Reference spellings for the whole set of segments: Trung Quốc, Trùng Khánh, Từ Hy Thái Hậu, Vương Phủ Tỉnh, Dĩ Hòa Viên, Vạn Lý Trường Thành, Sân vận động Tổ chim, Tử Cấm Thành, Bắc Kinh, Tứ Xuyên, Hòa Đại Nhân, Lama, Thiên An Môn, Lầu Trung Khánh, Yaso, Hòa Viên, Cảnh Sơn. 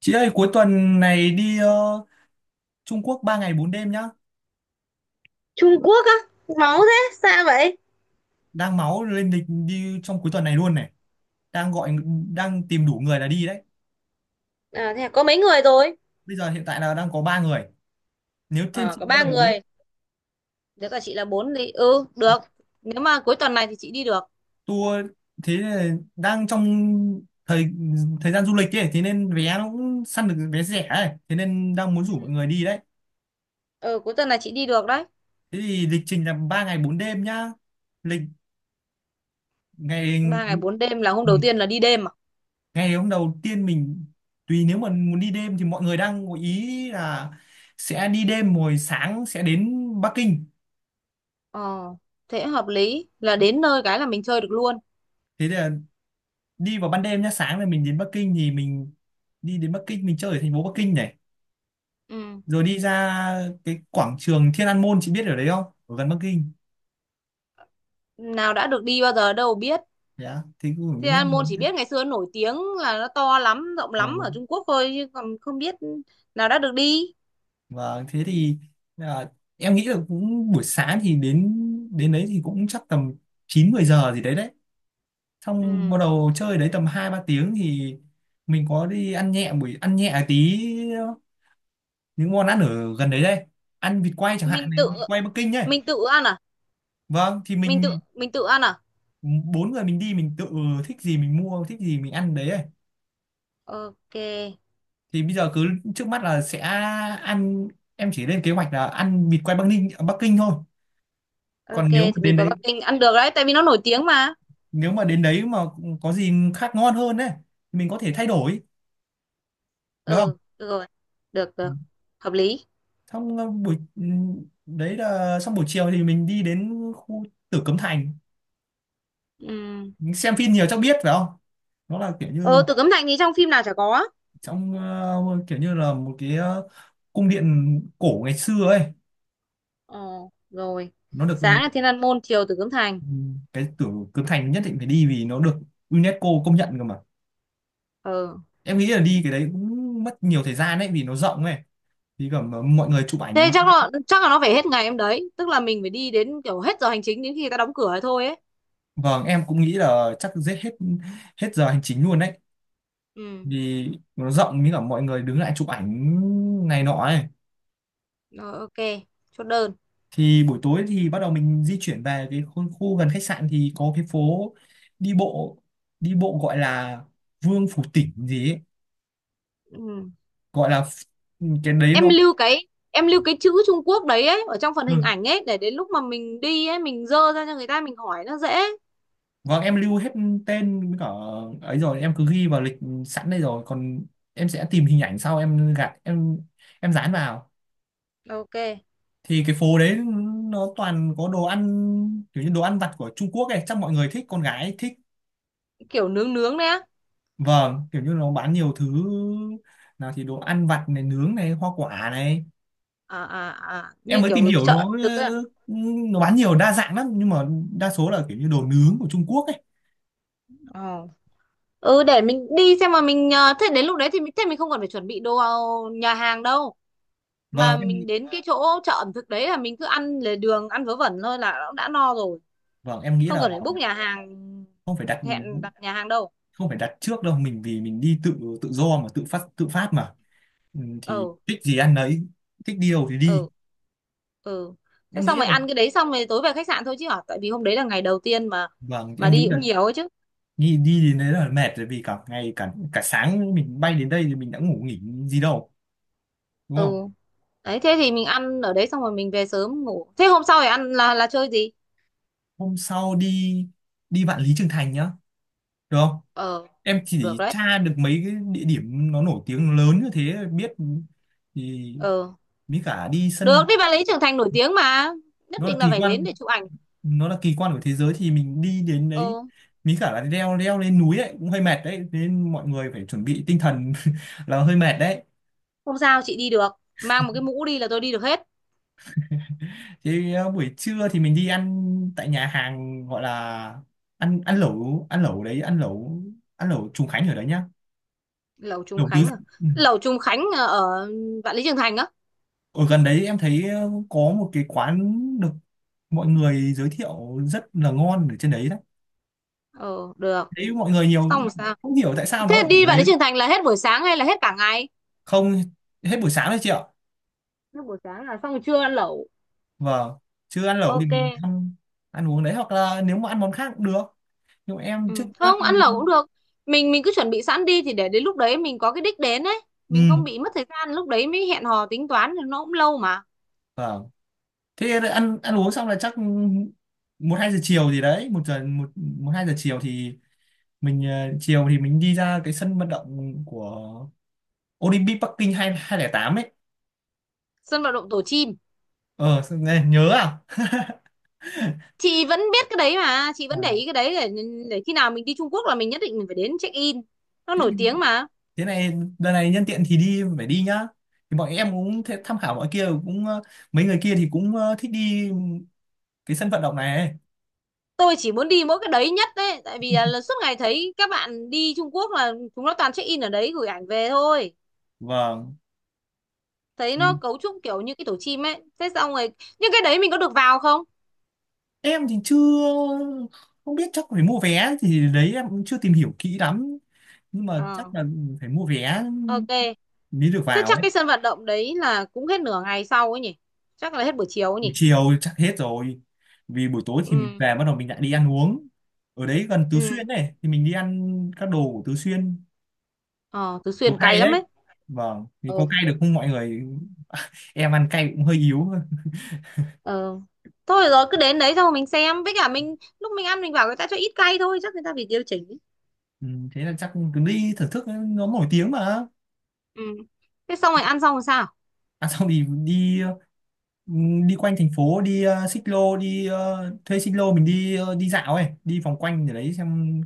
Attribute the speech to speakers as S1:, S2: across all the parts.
S1: Chị ơi cuối tuần này đi Trung Quốc 3 ngày 4 đêm nhá.
S2: Trung Quốc á, máu thế xa vậy.
S1: Đang máu lên lịch đi trong cuối tuần này luôn này. Đang gọi đang tìm đủ người là đi đấy.
S2: À, thế có mấy người rồi?
S1: Bây giờ hiện tại là đang có 3 người. Nếu thêm
S2: Ờ,
S1: chị
S2: có
S1: nữa
S2: ba
S1: là bốn.
S2: người, nếu cả chị là bốn thì được. Nếu mà cuối tuần này thì chị đi được.
S1: Tour Thế là đang trong thời thời gian du lịch ấy, thế nên vé nó cũng săn được vé rẻ ấy, thế nên đang muốn
S2: Ừ.
S1: rủ mọi người đi đấy.
S2: Ừ, cuối tuần này chị đi được đấy.
S1: Thế thì lịch trình là 3 ngày 4 đêm nhá. Lịch ngày
S2: Ba ngày bốn đêm là hôm
S1: Ừ.
S2: đầu tiên là đi đêm à?
S1: Ngày hôm đầu tiên tùy, nếu mà muốn đi đêm thì mọi người đang có ý là sẽ đi đêm rồi sáng sẽ đến Bắc Kinh.
S2: Ờ, thế hợp lý là đến nơi cái là mình chơi được luôn.
S1: Thế là đi vào ban đêm nhá, sáng là mình đến Bắc Kinh thì mình chơi ở thành phố Bắc Kinh này,
S2: Ừ.
S1: rồi đi ra cái quảng trường Thiên An Môn. Chị biết ở đấy không? Ở gần Bắc Kinh,
S2: Nào đã được đi bao giờ đâu biết.
S1: dạ thì cũng
S2: Thì
S1: cũng nghe
S2: An Môn
S1: nói
S2: chỉ
S1: thế.
S2: biết ngày xưa nổi tiếng là nó to lắm, rộng
S1: Ờ,
S2: lắm ở Trung Quốc thôi chứ còn không biết, nào đã được đi.
S1: và thế thì à, em nghĩ là cũng buổi sáng thì đến đến đấy thì cũng chắc tầm 9 10 giờ gì đấy đấy, xong bắt
S2: Ừ.
S1: đầu chơi đấy tầm hai ba tiếng thì mình có đi ăn nhẹ, ăn nhẹ tí những món ăn ở gần đấy đây, ăn vịt quay chẳng hạn
S2: mình
S1: này,
S2: tự
S1: vịt quay Bắc Kinh ấy.
S2: mình tự ăn à?
S1: Vâng, thì mình
S2: Mình tự ăn à?
S1: bốn người mình đi, mình tự thích gì mình mua, thích gì mình ăn đấy ấy.
S2: Ok.
S1: Thì bây giờ cứ trước mắt là sẽ ăn, em chỉ lên kế hoạch là ăn vịt quay Bắc Kinh thôi.
S2: Ok,
S1: Còn nếu mà
S2: thì vì
S1: đến
S2: có
S1: đấy,
S2: Bắc Kinh ăn được đấy tại vì nó nổi tiếng mà.
S1: nếu mà đến đấy mà có gì khác ngon hơn ấy thì mình có thể thay đổi được không?
S2: Ừ, được rồi. Được, được. Hợp lý.
S1: Xong đấy là xong buổi chiều thì mình đi đến khu Tử Cấm Thành.
S2: Ừ.
S1: Mình xem phim nhiều chắc biết phải không, nó là kiểu
S2: Ờ,
S1: như
S2: Tử Cấm Thành thì trong phim nào chả có.
S1: kiểu như là một cái cung điện cổ ngày xưa ấy.
S2: Ờ, rồi.
S1: Nó được,
S2: Sáng là Thiên An Môn, chiều Tử Cấm Thành.
S1: ừ, cái Tử Cấm Thành nhất định phải đi vì nó được UNESCO công nhận cơ mà.
S2: Ừ,
S1: Em nghĩ là đi cái đấy cũng mất nhiều thời gian ấy vì nó rộng ấy, thì cả mọi người chụp
S2: thế
S1: ảnh.
S2: chắc là nó phải hết ngày em đấy, tức là mình phải đi đến kiểu hết giờ hành chính, đến khi người ta đóng cửa ấy thôi ấy.
S1: Vâng, em cũng nghĩ là chắc giết hết, hết giờ hành chính luôn đấy,
S2: Ừ.
S1: vì nó rộng như cả mọi người đứng lại chụp ảnh này nọ ấy.
S2: Rồi ok, chốt đơn.
S1: Thì buổi tối thì bắt đầu mình di chuyển về cái khu, khu gần khách sạn thì có cái phố đi bộ đi bộ gọi là Vương Phủ Tỉnh gì ấy.
S2: Ừ.
S1: gọi là ph- cái đấy nó,
S2: Em lưu cái chữ Trung Quốc đấy ấy ở trong phần hình
S1: ừ.
S2: ảnh ấy để đến lúc mà mình đi ấy mình dơ ra cho người ta mình hỏi nó dễ.
S1: Vâng, em lưu hết tên với cả ấy rồi, em cứ ghi vào lịch sẵn đây rồi, còn em sẽ tìm hình ảnh sau, em gạt em dán vào.
S2: Ok.
S1: Thì cái phố đấy nó toàn có đồ ăn kiểu như đồ ăn vặt của Trung Quốc ấy, chắc mọi người thích, con gái thích.
S2: Kiểu nướng nướng đấy á?
S1: Vâng, kiểu như nó bán nhiều thứ, nào thì đồ ăn vặt này, nướng này, hoa quả này.
S2: À à à,
S1: Em
S2: như
S1: mới tìm
S2: kiểu
S1: hiểu, nó,
S2: chợ thực ấy à?
S1: ừ, nó bán nhiều đa dạng lắm, nhưng mà đa số là kiểu như đồ nướng của Trung Quốc ấy.
S2: Ờ. Ừ, để mình đi xem mà mình thế đến lúc đấy thì mình, thế mình không cần phải chuẩn bị đồ nhà hàng đâu,
S1: Vâng,
S2: mà
S1: em nghĩ-
S2: mình đến cái chỗ chợ ẩm thực đấy là mình cứ ăn lề đường ăn vớ vẩn thôi là nó đã no rồi.
S1: vâng, em nghĩ
S2: Không
S1: là
S2: cần phải book nhà hàng,
S1: không phải đặt
S2: hẹn đặt nhà hàng đâu.
S1: không phải đặt trước đâu, mình, vì mình đi tự tự do mà tự phát mà. Ừ, thì
S2: Ừ.
S1: thích gì ăn đấy, thích đi đâu thì đi.
S2: Ừ. Ừ, thế
S1: Em
S2: xong
S1: nghĩ
S2: rồi
S1: là
S2: ăn cái đấy xong rồi tối về khách sạn thôi chứ hả, tại vì hôm đấy là ngày đầu tiên mà
S1: Vâng,
S2: mà
S1: em nghĩ
S2: đi
S1: là
S2: cũng nhiều ấy chứ.
S1: đi đi đến đấy là mệt rồi, vì cả ngày, cả cả sáng mình bay đến đây thì mình đã ngủ nghỉ gì đâu, đúng
S2: Ừ.
S1: không?
S2: Đấy, thế thì mình ăn ở đấy xong rồi mình về sớm ngủ. Thế hôm sau phải ăn, là chơi gì?
S1: Hôm sau đi đi Vạn Lý Trường Thành nhá, được không?
S2: Ờ,
S1: Em
S2: được
S1: chỉ
S2: đấy.
S1: tra được mấy cái địa điểm nó nổi tiếng lớn như thế biết thì
S2: Ờ,
S1: mới cả đi
S2: được,
S1: sân.
S2: đi bạn lý trưởng thành nổi tiếng mà. Nhất
S1: Nó là
S2: định là
S1: kỳ
S2: phải đến
S1: quan,
S2: để chụp ảnh.
S1: của thế giới thì mình đi đến đấy,
S2: Ờ,
S1: mới cả là leo leo lên núi ấy cũng hơi mệt đấy, nên mọi người phải chuẩn bị tinh thần là hơi mệt đấy.
S2: không sao, chị đi được. Mang một cái mũ đi là tôi đi được hết.
S1: Thì buổi trưa thì mình đi ăn tại nhà hàng, gọi là ăn ăn lẩu đấy ăn lẩu Trùng Khánh ở đấy nhá.
S2: Lầu Trung
S1: Lẩu tứ
S2: Khánh à?
S1: Ừ.
S2: Lầu Trung Khánh à, ở Vạn Lý Trường Thành á?
S1: Ở gần đấy em thấy có một cái quán được mọi người giới thiệu rất là ngon ở trên đấy đấy.
S2: Ờ, được.
S1: Đấy, mọi người nhiều
S2: Xong rồi sao?
S1: không hiểu tại sao nó
S2: Thế
S1: lại
S2: đi
S1: ở
S2: Vạn
S1: đấy.
S2: Lý Trường Thành là hết buổi sáng hay là hết cả ngày?
S1: Không, hết buổi sáng đấy chị ạ.
S2: Hết buổi sáng là xong rồi trưa ăn lẩu.
S1: Vâng, chưa ăn lẩu thì
S2: Ok.
S1: mình ăn ăn uống đấy, hoặc là nếu mà ăn món khác cũng được. Nhưng mà em
S2: Ừ.
S1: trước mắt
S2: Không, ăn
S1: em
S2: lẩu cũng được. Mình cứ chuẩn bị sẵn đi thì để đến lúc đấy mình có cái đích đến ấy, mình
S1: Ừ
S2: không bị mất thời gian lúc đấy mới hẹn hò tính toán thì nó cũng lâu mà.
S1: vâng. Thế là ăn ăn uống xong là chắc một hai giờ chiều gì đấy, một hai giờ chiều thì mình đi ra cái sân vận động của Olympic Bắc Kinh 2008 ấy.
S2: Sân vận động Tổ chim.
S1: Ờ sao nghe nhớ à.
S2: Chị vẫn biết cái đấy mà, chị
S1: À,
S2: vẫn để ý cái đấy để khi nào mình đi Trung Quốc là mình nhất định mình phải đến check in. Nó
S1: thế
S2: nổi
S1: thì
S2: tiếng mà.
S1: Thế này, đợt này nhân tiện thì đi phải đi nhá. Thì bọn em cũng thế, tham khảo mọi kia cũng mấy người kia thì cũng thích đi cái sân vận động này ấy.
S2: Tôi chỉ muốn đi mỗi cái đấy nhất đấy, tại vì là suốt ngày thấy các bạn đi Trung Quốc là chúng nó toàn check in ở đấy gửi ảnh về thôi.
S1: Vâng.
S2: Thấy
S1: Thì
S2: nó cấu trúc kiểu như cái tổ chim ấy. Thế xong rồi, nhưng cái đấy mình có được vào không?
S1: em thì chưa Không biết, chắc phải mua vé, thì đấy em cũng chưa tìm hiểu kỹ lắm, nhưng mà chắc
S2: Ờ,
S1: là phải mua vé
S2: ok.
S1: mới được
S2: Thế
S1: vào
S2: chắc
S1: ấy.
S2: cái sân vận động đấy là cũng hết nửa ngày sau ấy nhỉ? Chắc là hết buổi chiều ấy
S1: Buổi
S2: nhỉ?
S1: chiều chắc hết rồi, vì buổi tối thì mình
S2: Ừ.
S1: về bắt đầu mình lại đi ăn uống ở đấy gần Tứ
S2: Ừ.
S1: Xuyên này, thì mình đi ăn các đồ của Tứ Xuyên.
S2: Ờ, Tứ
S1: Một
S2: Xuyên cay
S1: hay
S2: lắm
S1: đấy.
S2: ấy.
S1: Vâng thì
S2: Ờ,
S1: có cay được không mọi người, em ăn cay cũng hơi yếu thôi.
S2: ờ. Thôi rồi cứ đến đấy xong rồi mình xem. Với cả mình lúc mình ăn mình bảo người ta cho ít cay thôi. Chắc người ta phải điều chỉnh ấy.
S1: Ừ, thế là chắc cứ đi thưởng thức, nó nổi tiếng mà.
S2: Ừ. Thế xong rồi ăn xong rồi sao?
S1: À, xong thì đi, ừ, đi quanh thành phố, đi ờ, xích lô đi ờ, thuê xích lô mình đi, đi dạo ấy, đi vòng quanh để đấy xem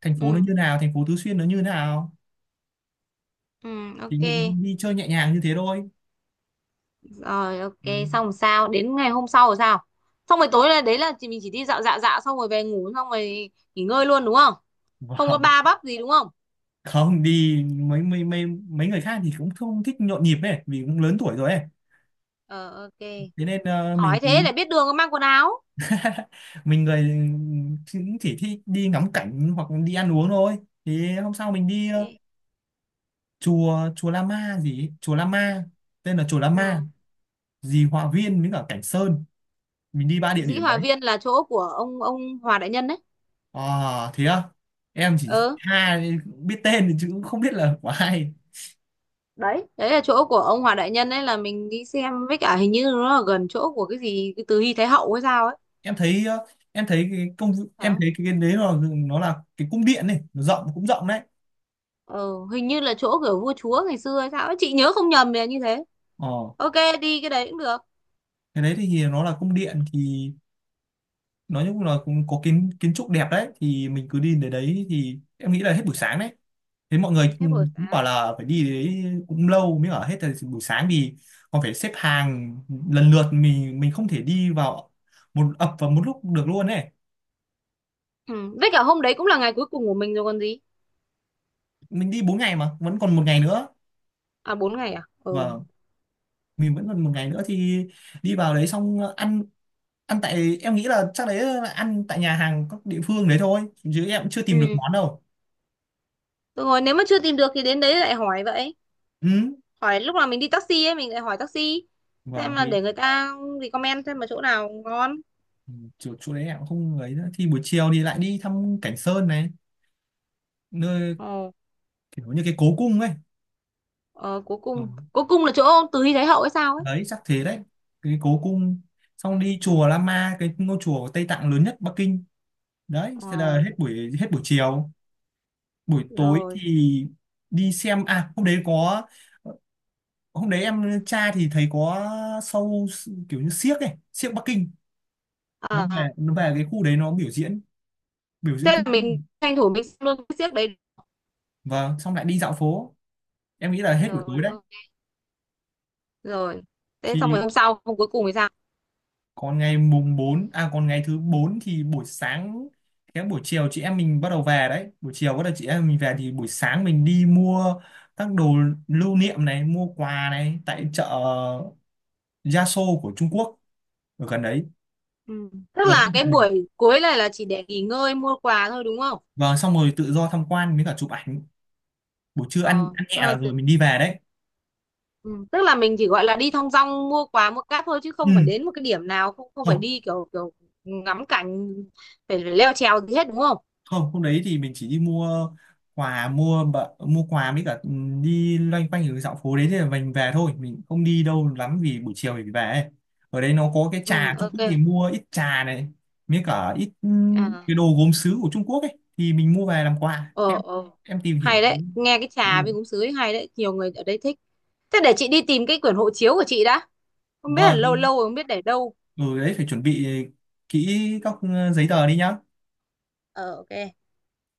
S1: thành phố nó
S2: Ừ.
S1: như nào, thành phố Tứ Xuyên nó như nào.
S2: Ừ.
S1: Thì
S2: Ok.
S1: mình đi chơi nhẹ nhàng như thế thôi.
S2: Rồi ok,
S1: Ừ.
S2: xong rồi sao? Đến ngày hôm sau rồi sao? Xong rồi tối là đấy là chỉ, mình chỉ đi dạo dạo dạo xong rồi về ngủ xong rồi nghỉ ngơi luôn đúng không? Không có
S1: Vâng,
S2: ba bắp gì đúng không?
S1: không đi. Mấy mấy mấy Mấy người khác thì cũng không thích nhộn nhịp ấy, vì cũng lớn tuổi rồi ấy,
S2: Ờ, ok.
S1: thế nên mình
S2: Hỏi thế
S1: cứ,
S2: để biết đường có mang quần áo.
S1: mình người chỉ thích đi ngắm cảnh hoặc đi ăn uống thôi. Thì hôm sau mình đi ờ,
S2: Ok.
S1: chùa chùa Lama gì ấy. Chùa Lama,
S2: Ờ,
S1: dì Hòa Viên với cả Cảnh Sơn, mình đi ba địa
S2: Dĩ
S1: điểm
S2: Hòa
S1: đấy.
S2: Viên là chỗ của ông Hòa Đại Nhân đấy.
S1: À thế à, em chỉ
S2: Ờ,
S1: ha biết tên thì chứ cũng không biết là của ai.
S2: đấy, đấy là chỗ của ông Hòa Đại Nhân đấy, là mình đi xem với cả hình như nó là gần chỗ của cái gì cái Từ Hy Thái Hậu hay sao ấy.
S1: Em thấy ờ, em thấy cái công
S2: Phải
S1: em
S2: không?
S1: thấy cái đấy là, nó là cái cung điện này, nó rộng cũng rộng đấy.
S2: Ờ, hình như là chỗ của vua chúa ngày xưa hay sao ấy. Chị nhớ không nhầm thì là như thế.
S1: Ờ
S2: Ok, đi cái đấy cũng được.
S1: cái đấy thì nó là cung điện thì nói chung là cũng có kiến kiến trúc đẹp đấy, thì mình cứ đi đến đấy thì em nghĩ là hết buổi sáng đấy. Thế mọi người
S2: Hết buổi
S1: cũng cũng
S2: sáng.
S1: bảo là phải đi đấy cũng lâu mới ở hết thời buổi sáng, vì còn phải xếp hàng lần lượt, mình không thể đi vào một ập vào một lúc được luôn ấy.
S2: Ừ. Với cả hôm đấy cũng là ngày cuối cùng của mình rồi còn gì.
S1: Mình đi 4 ngày mà vẫn còn một ngày nữa.
S2: À 4 ngày à? Ừ.
S1: Và mình vẫn còn một ngày nữa thì đi vào đấy xong ăn ăn tại, em nghĩ là chắc đấy là ăn tại nhà hàng các địa phương đấy thôi, chứ em cũng chưa tìm được
S2: Ừ.
S1: món đâu.
S2: Được rồi, nếu mà chưa tìm được thì đến đấy lại hỏi vậy.
S1: Ừ
S2: Hỏi lúc nào mình đi taxi ấy, mình lại hỏi taxi. Xem
S1: vâng,
S2: là
S1: vì
S2: để người ta recommend xem là chỗ nào ngon.
S1: ừ. Chỗ đấy em cũng không ấy nữa, thì buổi chiều thì lại đi thăm Cảnh Sơn này, nơi
S2: Ờ,
S1: kiểu như cái cố cung ấy.
S2: ờ, cuối
S1: Ờ,
S2: cùng cuối cùng là chỗ Từ Hy Thái Hậu hay sao ấy.
S1: đấy chắc thế đấy, cái cố cung.
S2: Ừ.
S1: Xong đi chùa Lama, cái ngôi chùa của Tây Tạng lớn nhất Bắc Kinh, đấy thế là
S2: Ờ,
S1: hết buổi chiều. Buổi tối
S2: rồi.
S1: thì đi xem, hôm đấy em tra thì thấy có show kiểu như xiếc ấy, xiếc Bắc Kinh. Nó về,
S2: À,
S1: cái khu đấy nó biểu diễn, biểu diễn
S2: thế
S1: cung
S2: là mình tranh thủ mình xem luôn cái xiếc đấy.
S1: vâng. Xong lại đi dạo phố, em nghĩ là hết buổi tối
S2: Rồi
S1: đấy.
S2: ok, rồi, thế xong rồi
S1: Thì
S2: hôm sau hôm cuối cùng thì sao?
S1: còn ngày mùng bốn, à còn ngày thứ 4 thì buổi sáng, cái buổi chiều chị em mình bắt đầu về đấy, buổi chiều bắt đầu chị em mình về, thì buổi sáng mình đi mua các đồ lưu niệm này, mua quà này tại chợ Yaso của Trung Quốc ở gần đấy,
S2: Ừ, tức
S1: gần khách
S2: là cái
S1: sạn mình.
S2: buổi cuối này là chỉ để nghỉ ngơi mua quà thôi đúng không?
S1: Vâng, xong rồi tự do tham quan với cả chụp ảnh, buổi trưa ăn
S2: ờ,
S1: ăn nhẹ
S2: ờ,
S1: là
S2: t-
S1: rồi mình đi về đấy.
S2: ừ, tức là mình chỉ gọi là đi thong dong mua quà mua cáp thôi chứ không phải đến một cái điểm nào, không không
S1: Ừ
S2: phải đi kiểu kiểu ngắm cảnh, phải, phải leo trèo gì hết đúng không?
S1: không, hôm đấy thì mình chỉ đi mua quà, mua quà với cả đi loanh quanh ở dạo phố đấy, thì mình về thôi, mình không đi đâu lắm vì buổi chiều thì về ấy. Ở đấy nó có cái trà
S2: Ừ,
S1: Trung
S2: ok.
S1: Quốc thì mua ít trà này với cả ít,
S2: À.
S1: cái đồ gốm sứ của Trung Quốc ấy thì mình mua về làm quà.
S2: Ờ, ờ,
S1: Tìm hiểu
S2: hay đấy, nghe cái
S1: thấy được.
S2: trà với gúng sứ ấy hay đấy, nhiều người ở đây thích. Thế để chị đi tìm cái quyển hộ chiếu của chị đã, không biết là
S1: vâng thì-
S2: lâu lâu rồi không biết để đâu.
S1: ừ đấy, phải chuẩn bị kỹ các, giấy tờ đi nhá.
S2: Ờ, ok.